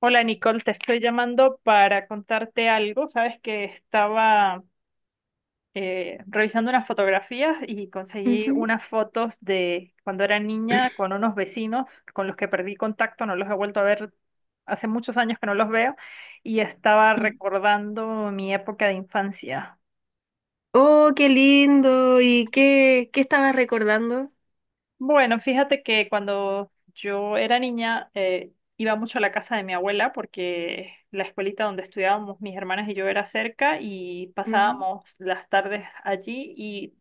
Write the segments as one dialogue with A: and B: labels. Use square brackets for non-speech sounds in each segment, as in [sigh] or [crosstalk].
A: Hola Nicole, te estoy llamando para contarte algo. Sabes que estaba revisando unas fotografías y conseguí
B: Ujú.
A: unas fotos de cuando era niña
B: [clears throat]
A: con unos vecinos con los que perdí contacto, no los he vuelto a ver hace muchos años que no los veo y estaba recordando mi época de infancia.
B: Oh, qué lindo. ¿Y qué estabas recordando?
A: Bueno, fíjate que cuando yo era niña iba mucho a la casa de mi abuela porque la escuelita donde estudiábamos mis hermanas y yo era cerca y
B: Ujú.
A: pasábamos las tardes allí y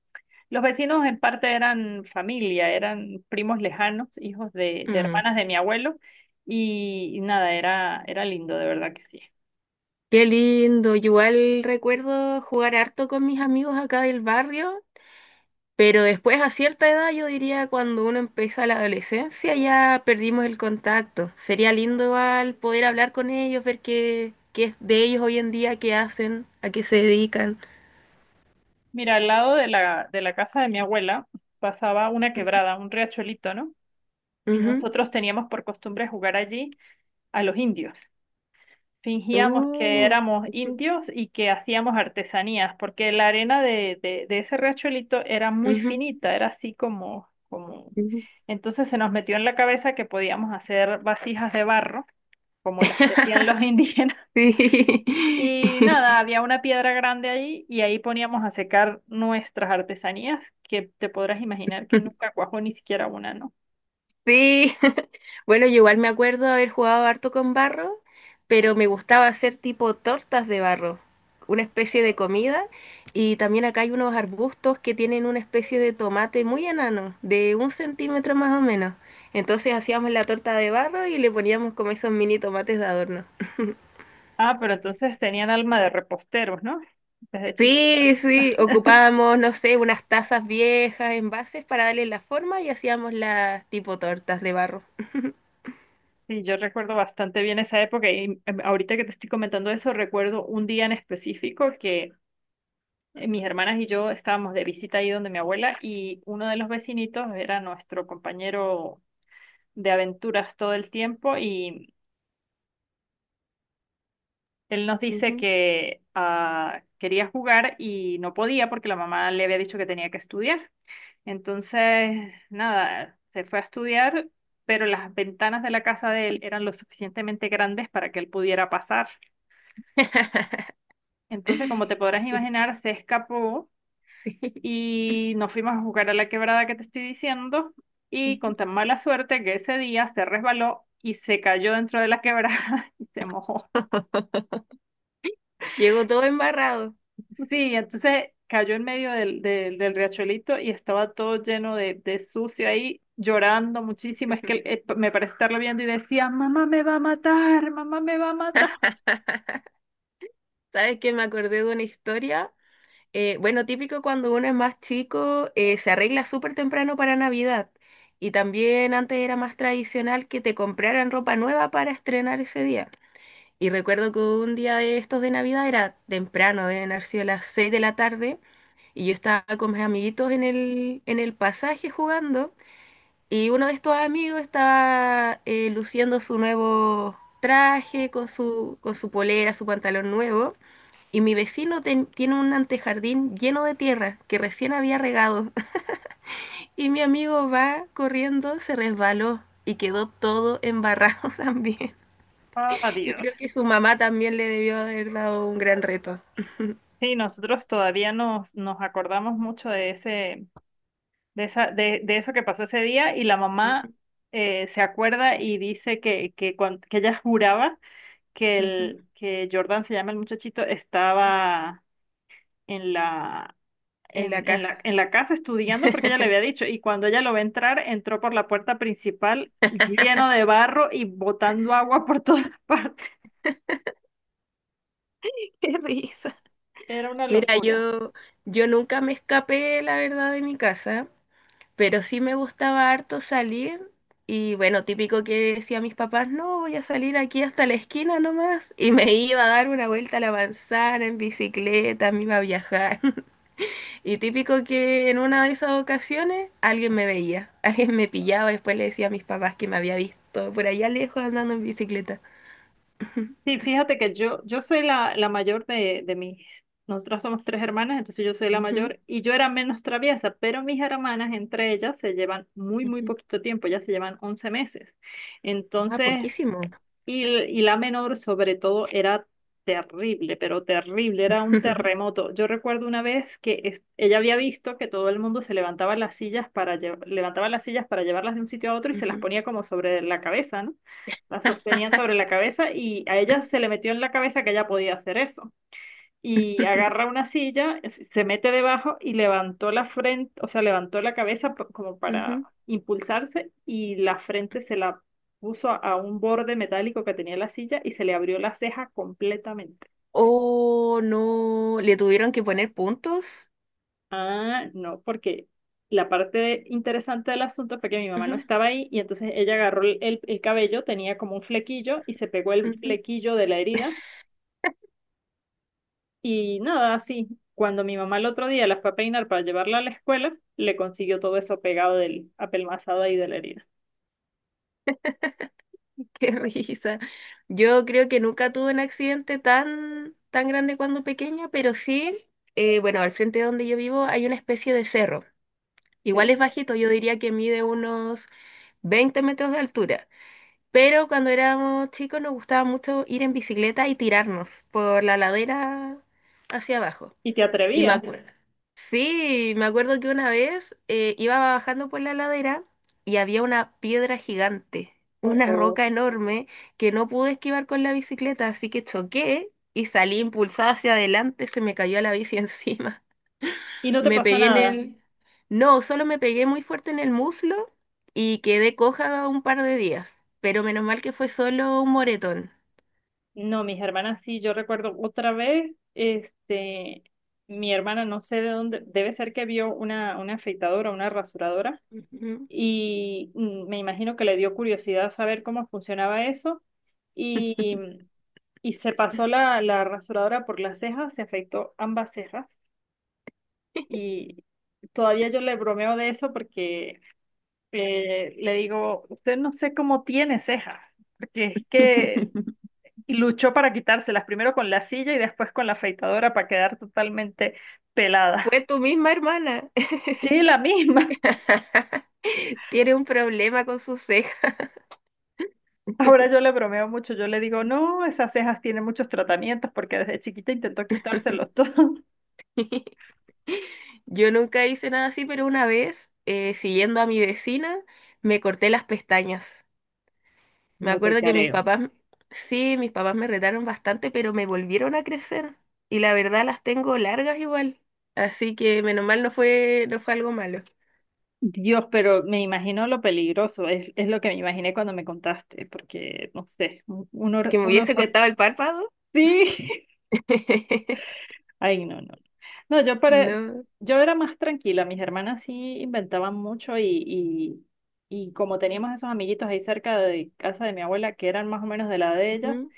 A: los vecinos en parte eran familia, eran primos lejanos, hijos de
B: Mm.
A: hermanas de mi abuelo y nada, era lindo, de verdad que sí.
B: Qué lindo. Yo igual recuerdo jugar harto con mis amigos acá del barrio, pero después a cierta edad, yo diría cuando uno empieza la adolescencia, ya perdimos el contacto. Sería lindo igual poder hablar con ellos, ver qué es de ellos hoy en día, qué hacen, a qué se dedican.
A: Mira, al lado de la casa de mi abuela pasaba una quebrada, un riachuelito, ¿no? Y
B: Ujú.
A: nosotros teníamos por costumbre jugar allí a los indios. Fingíamos que
B: Uh,
A: éramos
B: [laughs]
A: indios y que hacíamos artesanías, porque la arena de ese riachuelito era muy
B: ujú, ujú,
A: finita, era así como...
B: ujú.
A: Entonces se nos metió en la cabeza que podíamos hacer vasijas de barro, como las que hacían los [laughs]
B: [laughs]
A: indígenas.
B: Sí.
A: Y nada,
B: [laughs]
A: había una piedra grande allí y ahí poníamos a secar nuestras artesanías, que te podrás imaginar que nunca cuajó ni siquiera una, ¿no?
B: Sí, [laughs] bueno, yo igual me acuerdo haber jugado harto con barro, pero me gustaba hacer tipo tortas de barro, una especie de comida, y también acá hay unos arbustos que tienen una especie de tomate muy enano, de un centímetro más o menos. Entonces hacíamos la torta de barro y le poníamos como esos mini tomates de adorno.
A: Ah, pero entonces tenían alma de reposteros, ¿no? Desde chiquitos.
B: Sí, sí,
A: [laughs]
B: ocupábamos, no sé, unas tazas viejas, envases para darle la forma y hacíamos las tipo tortas de barro.
A: Sí, yo recuerdo bastante bien esa época y ahorita que te estoy comentando eso, recuerdo un día en específico que mis hermanas y yo estábamos de visita ahí donde mi abuela y uno de los vecinitos era nuestro compañero de aventuras todo el tiempo y él nos dice
B: Ujú.
A: que quería jugar y no podía porque la mamá le había dicho que tenía que estudiar. Entonces, nada, se fue a estudiar, pero las ventanas de la casa de él eran lo suficientemente grandes para que él pudiera pasar.
B: [laughs]
A: Entonces, como te podrás imaginar, se escapó
B: Sí.
A: y nos fuimos a jugar a la quebrada que te estoy diciendo y
B: Ujú.
A: con tan mala suerte que ese día se resbaló y se cayó dentro de la quebrada [laughs] y se mojó.
B: Llegó todo embarrado.
A: Sí, entonces cayó en medio del riachuelito y estaba todo lleno de sucio ahí, llorando muchísimo. Es que me parece estarlo viendo y decía, mamá me va a matar, mamá me va a matar.
B: ¿Sabes que Me acordé de una historia. Bueno, típico cuando uno es más chico, se arregla súper temprano para Navidad. Y también antes era más tradicional que te compraran ropa nueva para estrenar ese día. Y recuerdo que un día de estos de Navidad era temprano, deben haber sido las 6 de la tarde, y yo estaba con mis amiguitos en el pasaje jugando, y uno de estos amigos estaba luciendo su nuevo traje con su polera, su pantalón nuevo. Y mi vecino tiene un antejardín lleno de tierra que recién había regado [laughs] y mi amigo va corriendo, se resbaló y quedó todo embarrado [laughs] también.
A: Ah,
B: Yo creo
A: Dios.
B: que su mamá también le debió haber dado un gran reto. [laughs]
A: Sí, nosotros todavía nos acordamos mucho de ese, de, esa, de eso que pasó ese día y la mamá
B: Ujú,
A: se acuerda y dice que ella juraba
B: ujú.
A: que Jordan, se llama el muchachito, estaba en la,
B: En la
A: en, en
B: casa.
A: la, en la casa estudiando porque ella le había
B: [laughs]
A: dicho y cuando ella lo ve entrar, entró por la puerta principal lleno de barro y botando agua por todas [laughs] partes.
B: Qué risa.
A: Era una
B: Mira,
A: locura.
B: yo nunca me escapé, la verdad, de mi casa. Pero sí me gustaba harto salir y bueno, típico que decía a mis papás, no, voy a salir aquí hasta la esquina nomás y me iba a dar una vuelta a la manzana en bicicleta, me iba a viajar. [laughs] Y típico que en una de esas ocasiones alguien me veía, [laughs] alguien me pillaba, después le decía a mis papás que me había visto por allá lejos andando en bicicleta. [laughs]
A: Sí, fíjate que yo soy la mayor de nosotras somos tres hermanas, entonces yo soy la
B: Ujú,
A: mayor y yo era menos traviesa, pero mis hermanas entre ellas se llevan muy
B: ujú.
A: poquito tiempo, ya se llevan 11 meses.
B: Ah,
A: Entonces,
B: poquísimo.
A: y la menor, sobre todo, era terrible, pero terrible, era un
B: [laughs]
A: terremoto. Yo recuerdo una vez que ella había visto que todo el mundo se levantaba las sillas para levantaba las sillas para llevarlas de un sitio a otro y se las
B: Ujú,
A: ponía como sobre la cabeza, ¿no? Las sostenían sobre la cabeza y a ella se
B: [laughs]
A: le metió en la cabeza que ella podía hacer eso y
B: ujú.
A: agarra una silla, se mete debajo y levantó la frente, o sea, levantó la cabeza como para impulsarse y la frente se la puso a un borde metálico que tenía la silla y se le abrió la ceja completamente.
B: Oh, no, le tuvieron que poner puntos.
A: Ah, no, porque la parte interesante del asunto fue que mi mamá no
B: Ujú,
A: estaba ahí y entonces ella agarró el cabello, tenía como un flequillo y se pegó el
B: ujú.
A: flequillo de la herida. Y nada, así, cuando mi mamá el otro día la fue a peinar para llevarla a la escuela, le consiguió todo eso pegado del apelmazado ahí de la herida.
B: [laughs] Qué risa. Yo creo que nunca tuve un accidente tan grande cuando pequeña, pero sí, bueno, al frente de donde yo vivo hay una especie de cerro. Igual
A: ¿Sí?
B: es bajito, yo diría que mide unos 20 metros de altura. Pero cuando éramos chicos nos gustaba mucho ir en bicicleta y tirarnos por la ladera hacia abajo.
A: ¿Y te
B: Y me
A: atrevías?
B: acuerdo, sí, me acuerdo que una vez iba bajando por la ladera y había una piedra gigante,
A: O,
B: una
A: o-
B: roca enorme que no pude esquivar con la bicicleta, así que choqué y salí impulsada hacia adelante, se me cayó la bici [laughs] encima.
A: Y no te
B: Me
A: pasó
B: pegué en
A: nada.
B: el... No, solo me pegué muy fuerte en el muslo y quedé coja un par de días, pero menos mal que fue solo un moretón.
A: No, mis hermanas sí, yo recuerdo otra vez, este, mi hermana no sé de dónde, debe ser que vio una afeitadora, una rasuradora,
B: Ujú.
A: y mm, me imagino que le dio curiosidad saber cómo funcionaba eso, y, y se pasó la rasuradora por las cejas, se afeitó ambas cejas. Y todavía yo le bromeo de eso porque le digo, usted no sé cómo tiene cejas, porque es que luchó para quitárselas, primero con la silla y después con la afeitadora para quedar totalmente pelada.
B: Fue tu
A: [laughs]
B: misma hermana.
A: Sí, la misma.
B: [laughs] Tiene un problema con sus cejas.
A: [laughs] Ahora yo le bromeo mucho, yo le digo, no, esas cejas tienen muchos tratamientos porque desde chiquita intentó quitárselos todos. [laughs]
B: [laughs] Yo nunca hice nada así, pero una vez, siguiendo a mi vecina, me corté las pestañas. Me
A: No te
B: acuerdo que mis
A: careo.
B: papás, sí, mis papás me retaron bastante, pero me volvieron a crecer. Y la verdad las tengo largas igual. Así que menos mal no fue algo malo.
A: Dios, pero me imagino lo peligroso, es lo que me imaginé cuando me contaste, porque no sé,
B: Que me
A: un
B: hubiese
A: objeto.
B: cortado el párpado.
A: Sí.
B: [laughs]
A: [laughs] Ay, no, no. No, yo para,
B: No.
A: yo era más tranquila. Mis hermanas sí inventaban mucho y como teníamos esos amiguitos ahí cerca de casa de mi abuela que eran más o menos de la de ellas,
B: Ujú.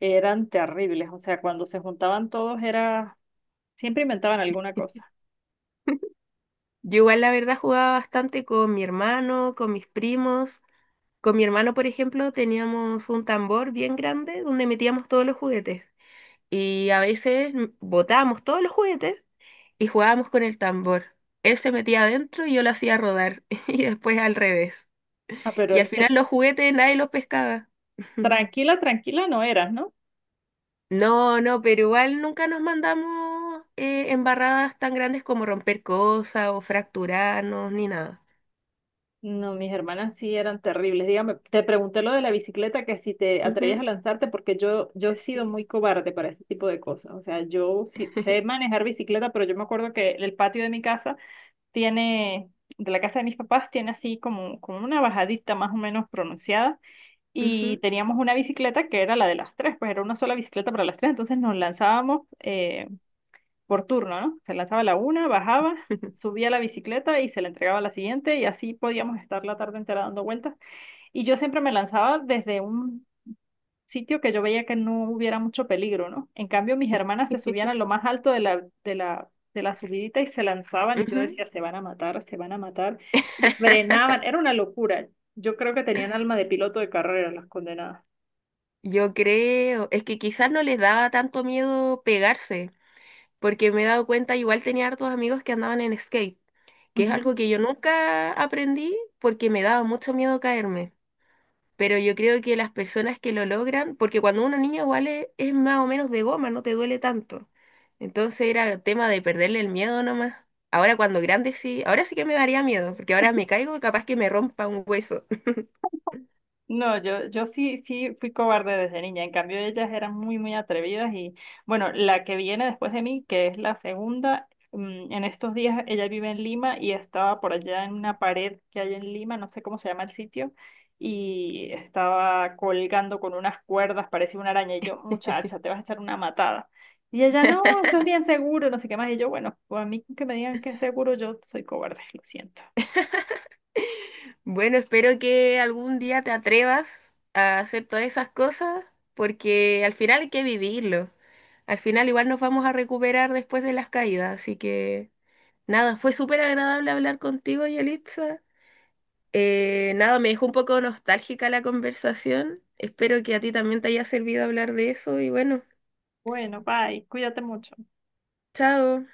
A: eran terribles. O sea, cuando se juntaban todos era, siempre inventaban alguna cosa.
B: Yo igual la verdad jugaba bastante con mi hermano, con mis primos. Con mi hermano, por ejemplo, teníamos un tambor bien grande donde metíamos todos los juguetes. Y a veces botábamos todos los juguetes y jugábamos con el tambor. Él se metía adentro y yo lo hacía rodar [laughs] y después al revés.
A: Ah, pero
B: Y al
A: es que
B: final los juguetes nadie los pescaba. [laughs]
A: tranquila, tranquila no eras, ¿no?
B: No, pero igual nunca nos mandamos embarradas tan grandes como romper cosas o fracturarnos ni nada.
A: No, mis hermanas sí eran terribles. Dígame, te pregunté lo de la bicicleta, que si te atrevías a
B: Ujú,
A: lanzarte, porque yo he sido
B: sí.
A: muy cobarde para ese tipo de cosas. O sea, yo sí sé
B: [laughs]
A: manejar bicicleta, pero yo me acuerdo que el patio de mi casa tiene, de la casa de mis papás, tiene así como una bajadita más o menos pronunciada. Y
B: Ujú,
A: teníamos una bicicleta que era la de las tres, pues era una sola bicicleta para las tres. Entonces nos lanzábamos, por turno, ¿no? Se lanzaba la una, bajaba,
B: [laughs]
A: subía la bicicleta y se la entregaba a la siguiente y así podíamos estar la tarde entera dando vueltas. Y yo siempre me lanzaba desde un sitio que yo veía que no hubiera mucho peligro, ¿no? En cambio, mis hermanas se subían a lo más alto de la subidita y se lanzaban y yo
B: ujú.
A: decía, se van a matar, se van a matar y frenaban.
B: [laughs]
A: Era una locura. Yo creo que tenían alma de piloto de carrera las condenadas.
B: Yo creo, es que quizás no les daba tanto miedo pegarse, porque me he dado cuenta, igual tenía hartos amigos que andaban en skate, que es
A: Ujú.
B: algo que yo nunca aprendí porque me daba mucho miedo caerme. Pero yo creo que las personas que lo logran, porque cuando uno niño igual es más o menos de goma, no te duele tanto. Entonces era tema de perderle el miedo nomás. Ahora cuando grande sí, ahora sí que me daría miedo, porque ahora me caigo y capaz que me rompa un hueso. [laughs]
A: No, sí fui cobarde desde niña. En cambio, ellas eran muy atrevidas y bueno, la que viene después de mí, que es la segunda, mm, en estos días ella vive en Lima y estaba por allá en una pared que hay en Lima, no sé cómo se llama el sitio, y estaba colgando con unas cuerdas, parecía una araña, y yo, muchacha, te vas a echar una matada. Y ella, no, eso es bien seguro, no sé qué más. Y yo, bueno, pues a mí que me digan que es seguro, yo soy cobarde, lo siento.
B: Bueno, espero que algún día te atrevas a hacer todas esas cosas, porque al final hay que vivirlo. Al final igual nos vamos a recuperar después de las caídas, así que nada, fue súper agradable hablar contigo, Yelitza. Nada, me dejó un poco nostálgica la conversación. Espero que a ti también te haya servido hablar de eso y bueno,
A: Bueno, bye, cuídate mucho.
B: chao.